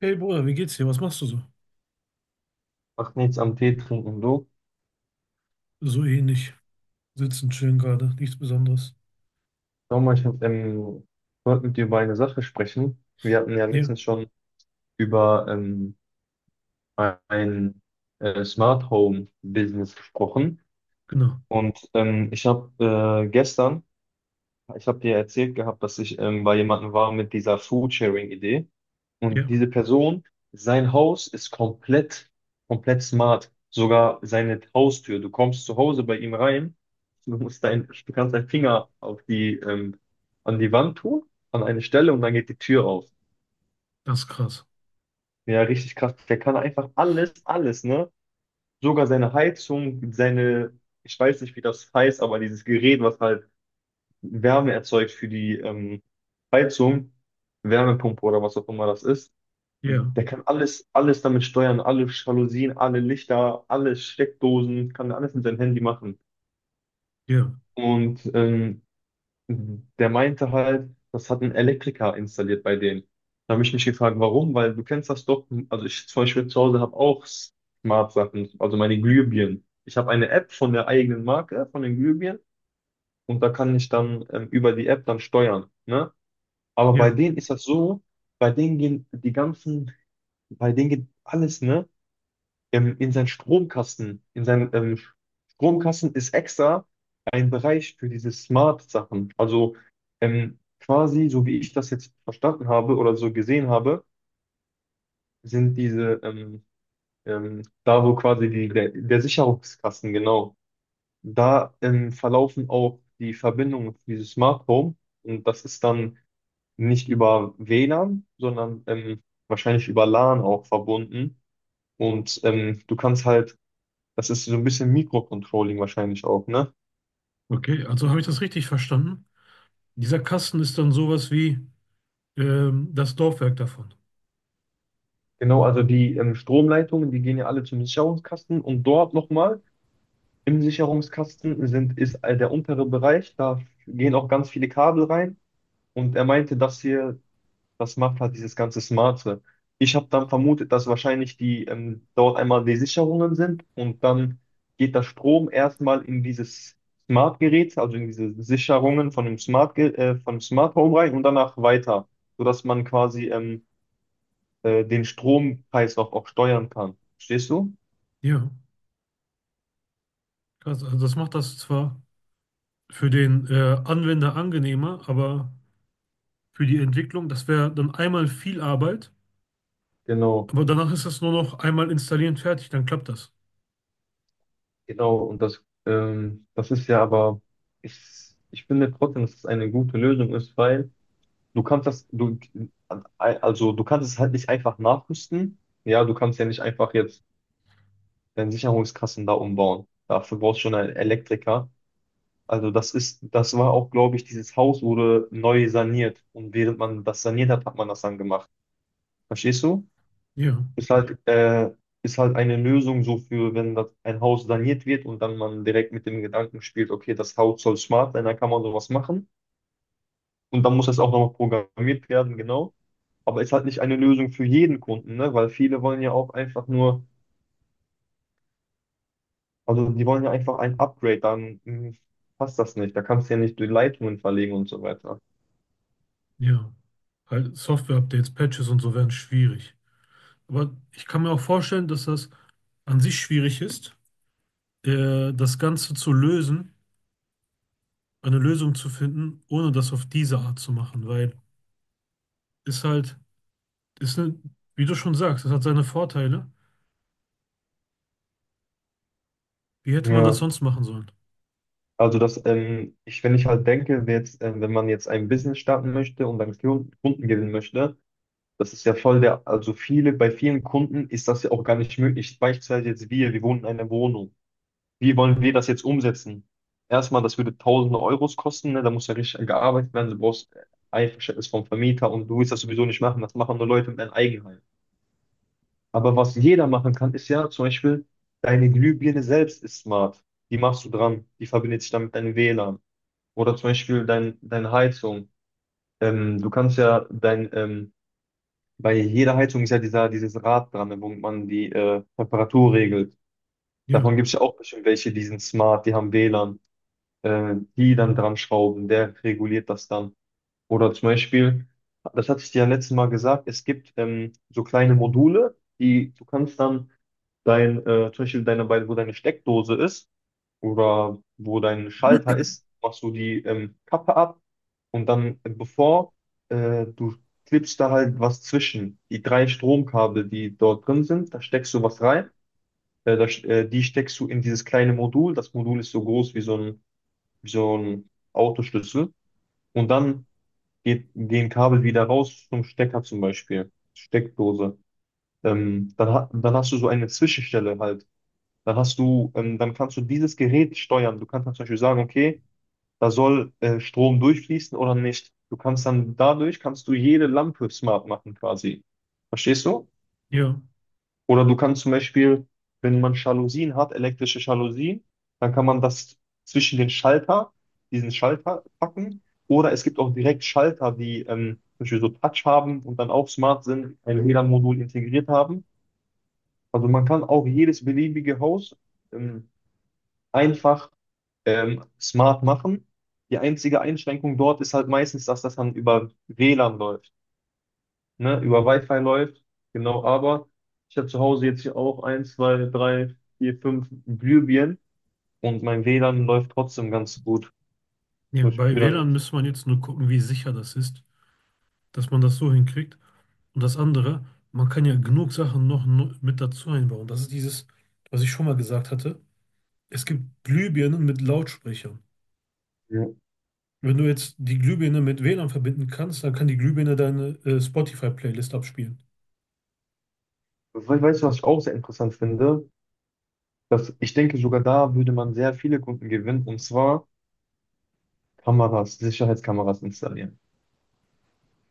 Hey Bruder, wie geht's dir? Was machst du so? Macht nichts am Tee trinken, du. So ähnlich. Sitzen, chillen gerade. Nichts Besonderes. Schau mal, ich wollte mit dir über eine Sache sprechen. Wir hatten ja Ja, letztens schon über ein Smart Home Business gesprochen. genau. Ich habe gestern, ich habe dir erzählt gehabt, dass ich bei jemandem war mit dieser Food Sharing Idee. Und Ja, diese Person, sein Haus ist komplett, komplett smart. Sogar seine Haustür. Du kommst zu Hause bei ihm rein. Du kannst deinen Finger an die Wand tun, an eine Stelle, und dann geht die Tür auf. das ist krass. Ja, richtig krass. Der kann einfach alles, alles, ne? Sogar seine Heizung, seine, ich weiß nicht, wie das heißt, aber dieses Gerät, was halt Wärme erzeugt für die Heizung, Wärmepumpe, oder was auch immer das ist. Ja, Der kann alles, alles damit steuern, alle Jalousien, alle Lichter, alle Steckdosen, kann alles mit seinem Handy machen. ja, Und ähm, der meinte halt, das hat ein Elektriker installiert bei denen. Da habe ich mich gefragt, warum? Weil du kennst das doch. Also, ich zum Beispiel zu Hause habe auch Smart-Sachen, also meine Glühbirnen. Ich habe eine App von der eigenen Marke, von den Glühbirnen, und da kann ich dann über die App dann steuern. Ne? Aber bei ja. denen ist das so, bei denen gehen die ganzen, bei denen geht alles, ne? In seinen Stromkasten. In seinem Stromkasten ist extra ein Bereich für diese Smart-Sachen. Also, quasi, so wie ich das jetzt verstanden habe oder so gesehen habe, sind diese da, wo quasi der Sicherungskasten, genau, da verlaufen auch die Verbindungen für dieses Smart Home. Und das ist dann nicht über WLAN, sondern wahrscheinlich über LAN auch verbunden. Du kannst halt. Das ist so ein bisschen Mikrocontrolling wahrscheinlich auch, ne? Okay, also habe ich das richtig verstanden? Dieser Kasten ist dann sowas wie das Laufwerk davon. Genau, also die Stromleitungen, die gehen ja alle zum Sicherungskasten, und dort nochmal im Sicherungskasten sind, ist der untere Bereich, da gehen auch ganz viele Kabel rein, und er meinte, dass hier, das macht halt dieses ganze Smarte. Ich habe dann vermutet, dass wahrscheinlich die dort einmal die Sicherungen sind, und dann geht der Strom erstmal in dieses Smart-Gerät, also in diese Sicherungen von dem Smart Home rein und danach weiter, sodass man quasi den Strompreis auch steuern kann. Verstehst du? Ja, krass. Also das macht das zwar für den Anwender angenehmer, aber für die Entwicklung, das wäre dann einmal viel Arbeit, Genau, aber danach ist das nur noch einmal installieren, fertig, dann klappt das. genau. Und das ist ja aber, ich, ich finde trotzdem, dass es eine gute Lösung ist, weil du kannst das, also du kannst es halt nicht einfach nachrüsten. Ja, du kannst ja nicht einfach jetzt deine Sicherungskassen da umbauen. Dafür brauchst du schon einen Elektriker. Also das war auch, glaube ich, dieses Haus wurde neu saniert. Und während man das saniert hat, hat man das dann gemacht. Verstehst du? Ja. Ist halt, äh, ist halt eine Lösung so für, wenn das ein Haus saniert wird und dann man direkt mit dem Gedanken spielt, okay, das Haus soll smart sein, dann kann man sowas machen. Und dann muss das auch nochmal programmiert werden, genau. Aber ist halt nicht eine Lösung für jeden Kunden, ne? Weil viele wollen ja auch einfach nur, also die wollen ja einfach ein Upgrade, dann passt das nicht. Da kannst du ja nicht die Leitungen verlegen und so weiter. Ja, halt Software-Updates, Patches und so werden schwierig. Aber ich kann mir auch vorstellen, dass das an sich schwierig ist, das Ganze zu lösen, eine Lösung zu finden, ohne das auf diese Art zu machen, weil ist halt, ist ne, wie du schon sagst, es hat seine Vorteile. Wie hätte man das Ja. sonst machen sollen? Also wenn ich halt denke, jetzt, wenn man jetzt ein Business starten möchte und dann Kunden gewinnen möchte. Das ist ja voll der, also viele, bei vielen Kunden ist das ja auch gar nicht möglich. Beispielsweise jetzt wir wohnen in einer Wohnung. Wie wollen wir das jetzt umsetzen? Erstmal, das würde tausende Euros kosten, ne? Da muss ja richtig gearbeitet werden. Du brauchst Einverständnis vom Vermieter, und du willst das sowieso nicht machen. Das machen nur Leute mit einem Eigenheim. Aber was jeder machen kann, ist ja zum Beispiel, deine Glühbirne selbst ist smart. Die machst du dran. Die verbindet sich dann mit deinem WLAN. Oder zum Beispiel deine Heizung. Du kannst ja dein. Bei jeder Heizung ist ja dieses Rad dran, wo man die Temperatur regelt. Ja, Davon gibt es ja auch bestimmt welche, die sind smart, die haben WLAN, die dann dran schrauben, der reguliert das dann. Oder zum Beispiel, das hatte ich dir ja letztes Mal gesagt, es gibt so kleine Module, die du kannst dann zum Beispiel wo deine Steckdose ist oder wo dein Schalter ist, machst du die Kappe ab. Und dann, bevor du klebst da halt was zwischen, die drei Stromkabel, die dort drin sind, da steckst du was rein, die steckst du in dieses kleine Modul. Das Modul ist so groß wie so ein Autoschlüssel, und dann gehen Kabel wieder raus zum Stecker, zum Beispiel Steckdose. Dann hast du so eine Zwischenstelle halt. Dann kannst du dieses Gerät steuern. Du kannst dann zum Beispiel sagen, okay, da soll Strom durchfließen oder nicht. Du kannst dann dadurch kannst du jede Lampe smart machen quasi. Verstehst du? ja, Oder du kannst zum Beispiel, wenn man Jalousien hat, elektrische Jalousien, dann kann man das zwischen diesen Schalter packen. Oder es gibt auch direkt Schalter, die zum Beispiel so Touch haben und dann auch smart sind, ein WLAN-Modul integriert haben. Also man kann auch jedes beliebige Haus ähm, einfach smart machen. Die einzige Einschränkung dort ist halt meistens, dass das dann über WLAN läuft, ne? Über Wi-Fi läuft. Genau, aber ich habe zu Hause jetzt hier auch eins, zwei, drei, vier, fünf Glühbirnen, und mein WLAN läuft trotzdem ganz gut. ja. So, ich Bei spüre da WLAN nichts. müsste man jetzt nur gucken, wie sicher das ist, dass man das so hinkriegt. Und das andere, man kann ja genug Sachen mit dazu einbauen. Das ist dieses, was ich schon mal gesagt hatte. Es gibt Glühbirnen mit Lautsprechern. Ja. Wenn du jetzt die Glühbirne mit WLAN verbinden kannst, dann kann die Glühbirne deine Spotify-Playlist abspielen. We weißt du, was ich auch sehr interessant finde? Dass ich denke, sogar da würde man sehr viele Kunden gewinnen, und zwar Kameras, Sicherheitskameras installieren.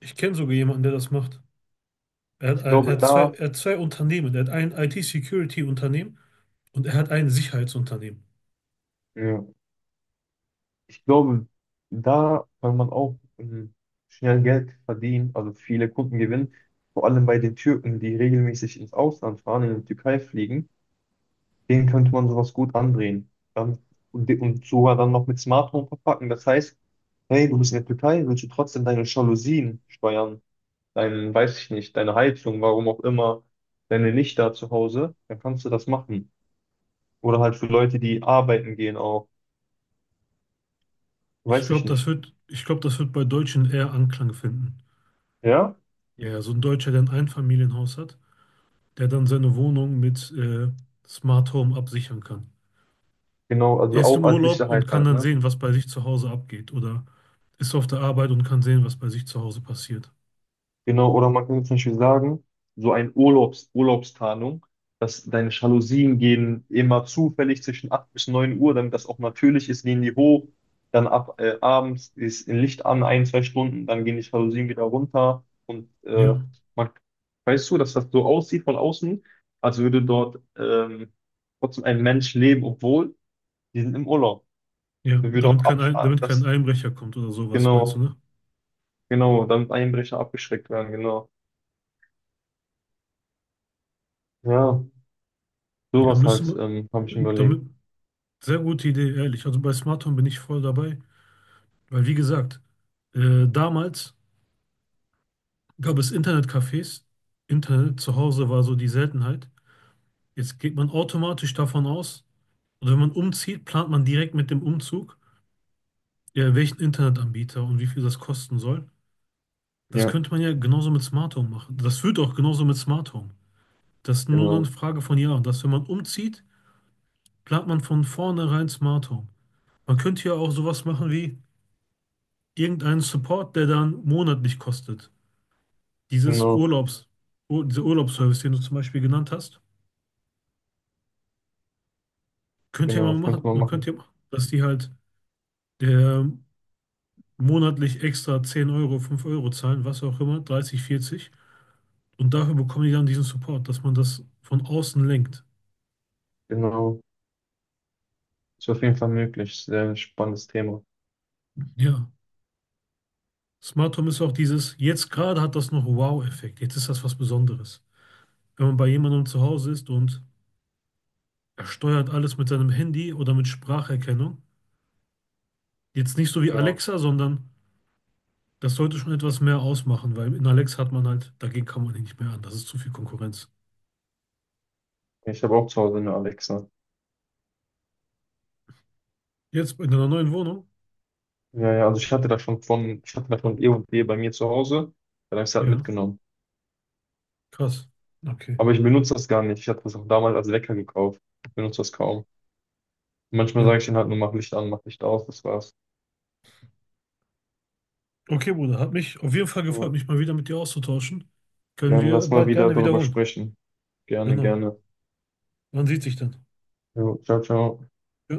Ich kenne sogar jemanden, der das macht. Er hat, Ich er glaube, hat zwei, da, er hat zwei Unternehmen. Er hat ein IT-Security-Unternehmen und er hat ein Sicherheitsunternehmen. ja. Ich glaube, da kann man auch schnell Geld verdienen, also viele Kunden gewinnen. Vor allem bei den Türken, die regelmäßig ins Ausland fahren, in die Türkei fliegen, denen könnte man sowas gut andrehen. Dann, und sogar dann noch mit Smartphone verpacken. Das heißt, hey, du bist in der Türkei, willst du trotzdem deine Jalousien steuern, weiß ich nicht, deine Heizung, warum auch immer, deine Lichter zu Hause, dann kannst du das machen. Oder halt für Leute, die arbeiten gehen auch, Ich weiß glaube, ich das nicht. wird, ich glaube, das wird bei Deutschen eher Anklang finden. Ja? Ja, ja, so ein Deutscher, der ein Einfamilienhaus hat, der dann seine Wohnung mit Smart Home absichern kann. Genau, Er also ist auch im als Urlaub und Sicherheit kann halt, dann ne? sehen, was bei sich zu Hause abgeht. Oder ist auf der Arbeit und kann sehen, was bei sich zu Hause passiert. Genau, oder man kann zum Beispiel sagen, so ein Urlaubstarnung, dass deine Jalousien gehen immer zufällig zwischen 8 bis 9 Uhr, damit das auch natürlich ist, gehen die hoch, dann ab abends ist ein Licht an, ein, zwei Stunden, dann gehen die Jalousien wieder runter, und Ja, man, weißt du, dass das so aussieht von außen, als würde dort trotzdem ein Mensch leben, obwohl die sind im Urlaub. ja, Man würde auch damit kein, Ein- ab, damit kein das, Einbrecher kommt oder sowas, meinst du, Genau. ne? Genau, damit Einbrecher abgeschreckt werden, genau. Ja, Ja, sowas müsste halt, man, habe ich mir überlegt. damit, sehr gute Idee, ehrlich. Also bei Smart Home bin ich voll dabei, weil wie gesagt, damals gab es Internetcafés, Internet zu Hause war so die Seltenheit. Jetzt geht man automatisch davon aus, oder wenn man umzieht, plant man direkt mit dem Umzug, ja, welchen Internetanbieter und wie viel das kosten soll. Das Ja, könnte man ja genauso mit Smart Home machen. Das wird auch genauso mit Smart Home. Das ist nur eine genau, Frage von Jahren, dass wenn man umzieht, plant man von vornherein Smart Home. Man könnte ja auch sowas machen wie irgendeinen Support, der dann monatlich kostet. Dieses genau, Urlaubs, dieser Urlaubsservice, den du zum Beispiel genannt hast, könnte ja genau, mal das könnte machen. man Man könnte machen. ja machen, dass die halt der monatlich extra 10 Euro, 5 Euro zahlen, was auch immer, 30, 40. Und dafür bekommen die dann diesen Support, dass man das von außen lenkt. Genau, ist auf jeden Fall möglich. Sehr spannendes Thema. Ja. Smart Home ist auch dieses, jetzt gerade hat das noch Wow-Effekt. Jetzt ist das was Besonderes. Wenn man bei jemandem zu Hause ist und er steuert alles mit seinem Handy oder mit Spracherkennung, jetzt nicht so wie Ja, Alexa, sondern das sollte schon etwas mehr ausmachen, weil in Alexa hat man halt, dagegen kann man nicht mehr an. Das ist zu viel Konkurrenz. ich habe auch zu Hause eine Alexa. Jetzt in einer neuen Wohnung? Ja, ja, also ich hatte das von E&E bei mir zu Hause, dann habe ich es halt Ja, mitgenommen. krass. Okay, Aber ich benutze das gar nicht. Ich hatte das auch damals als Wecker gekauft. Benutze das kaum. Manchmal sage ja. ich denen halt nur, mach Licht an, mach Licht aus, das war's. Okay, Bruder, hat mich auf jeden Fall Ja, gefreut, mich mal wieder mit dir auszutauschen. Können gerne, wir lass mal bald wieder gerne darüber wiederholen. sprechen. Gerne, Genau. gerne. Man sieht sich dann. Jo, ciao, ciao. Ja.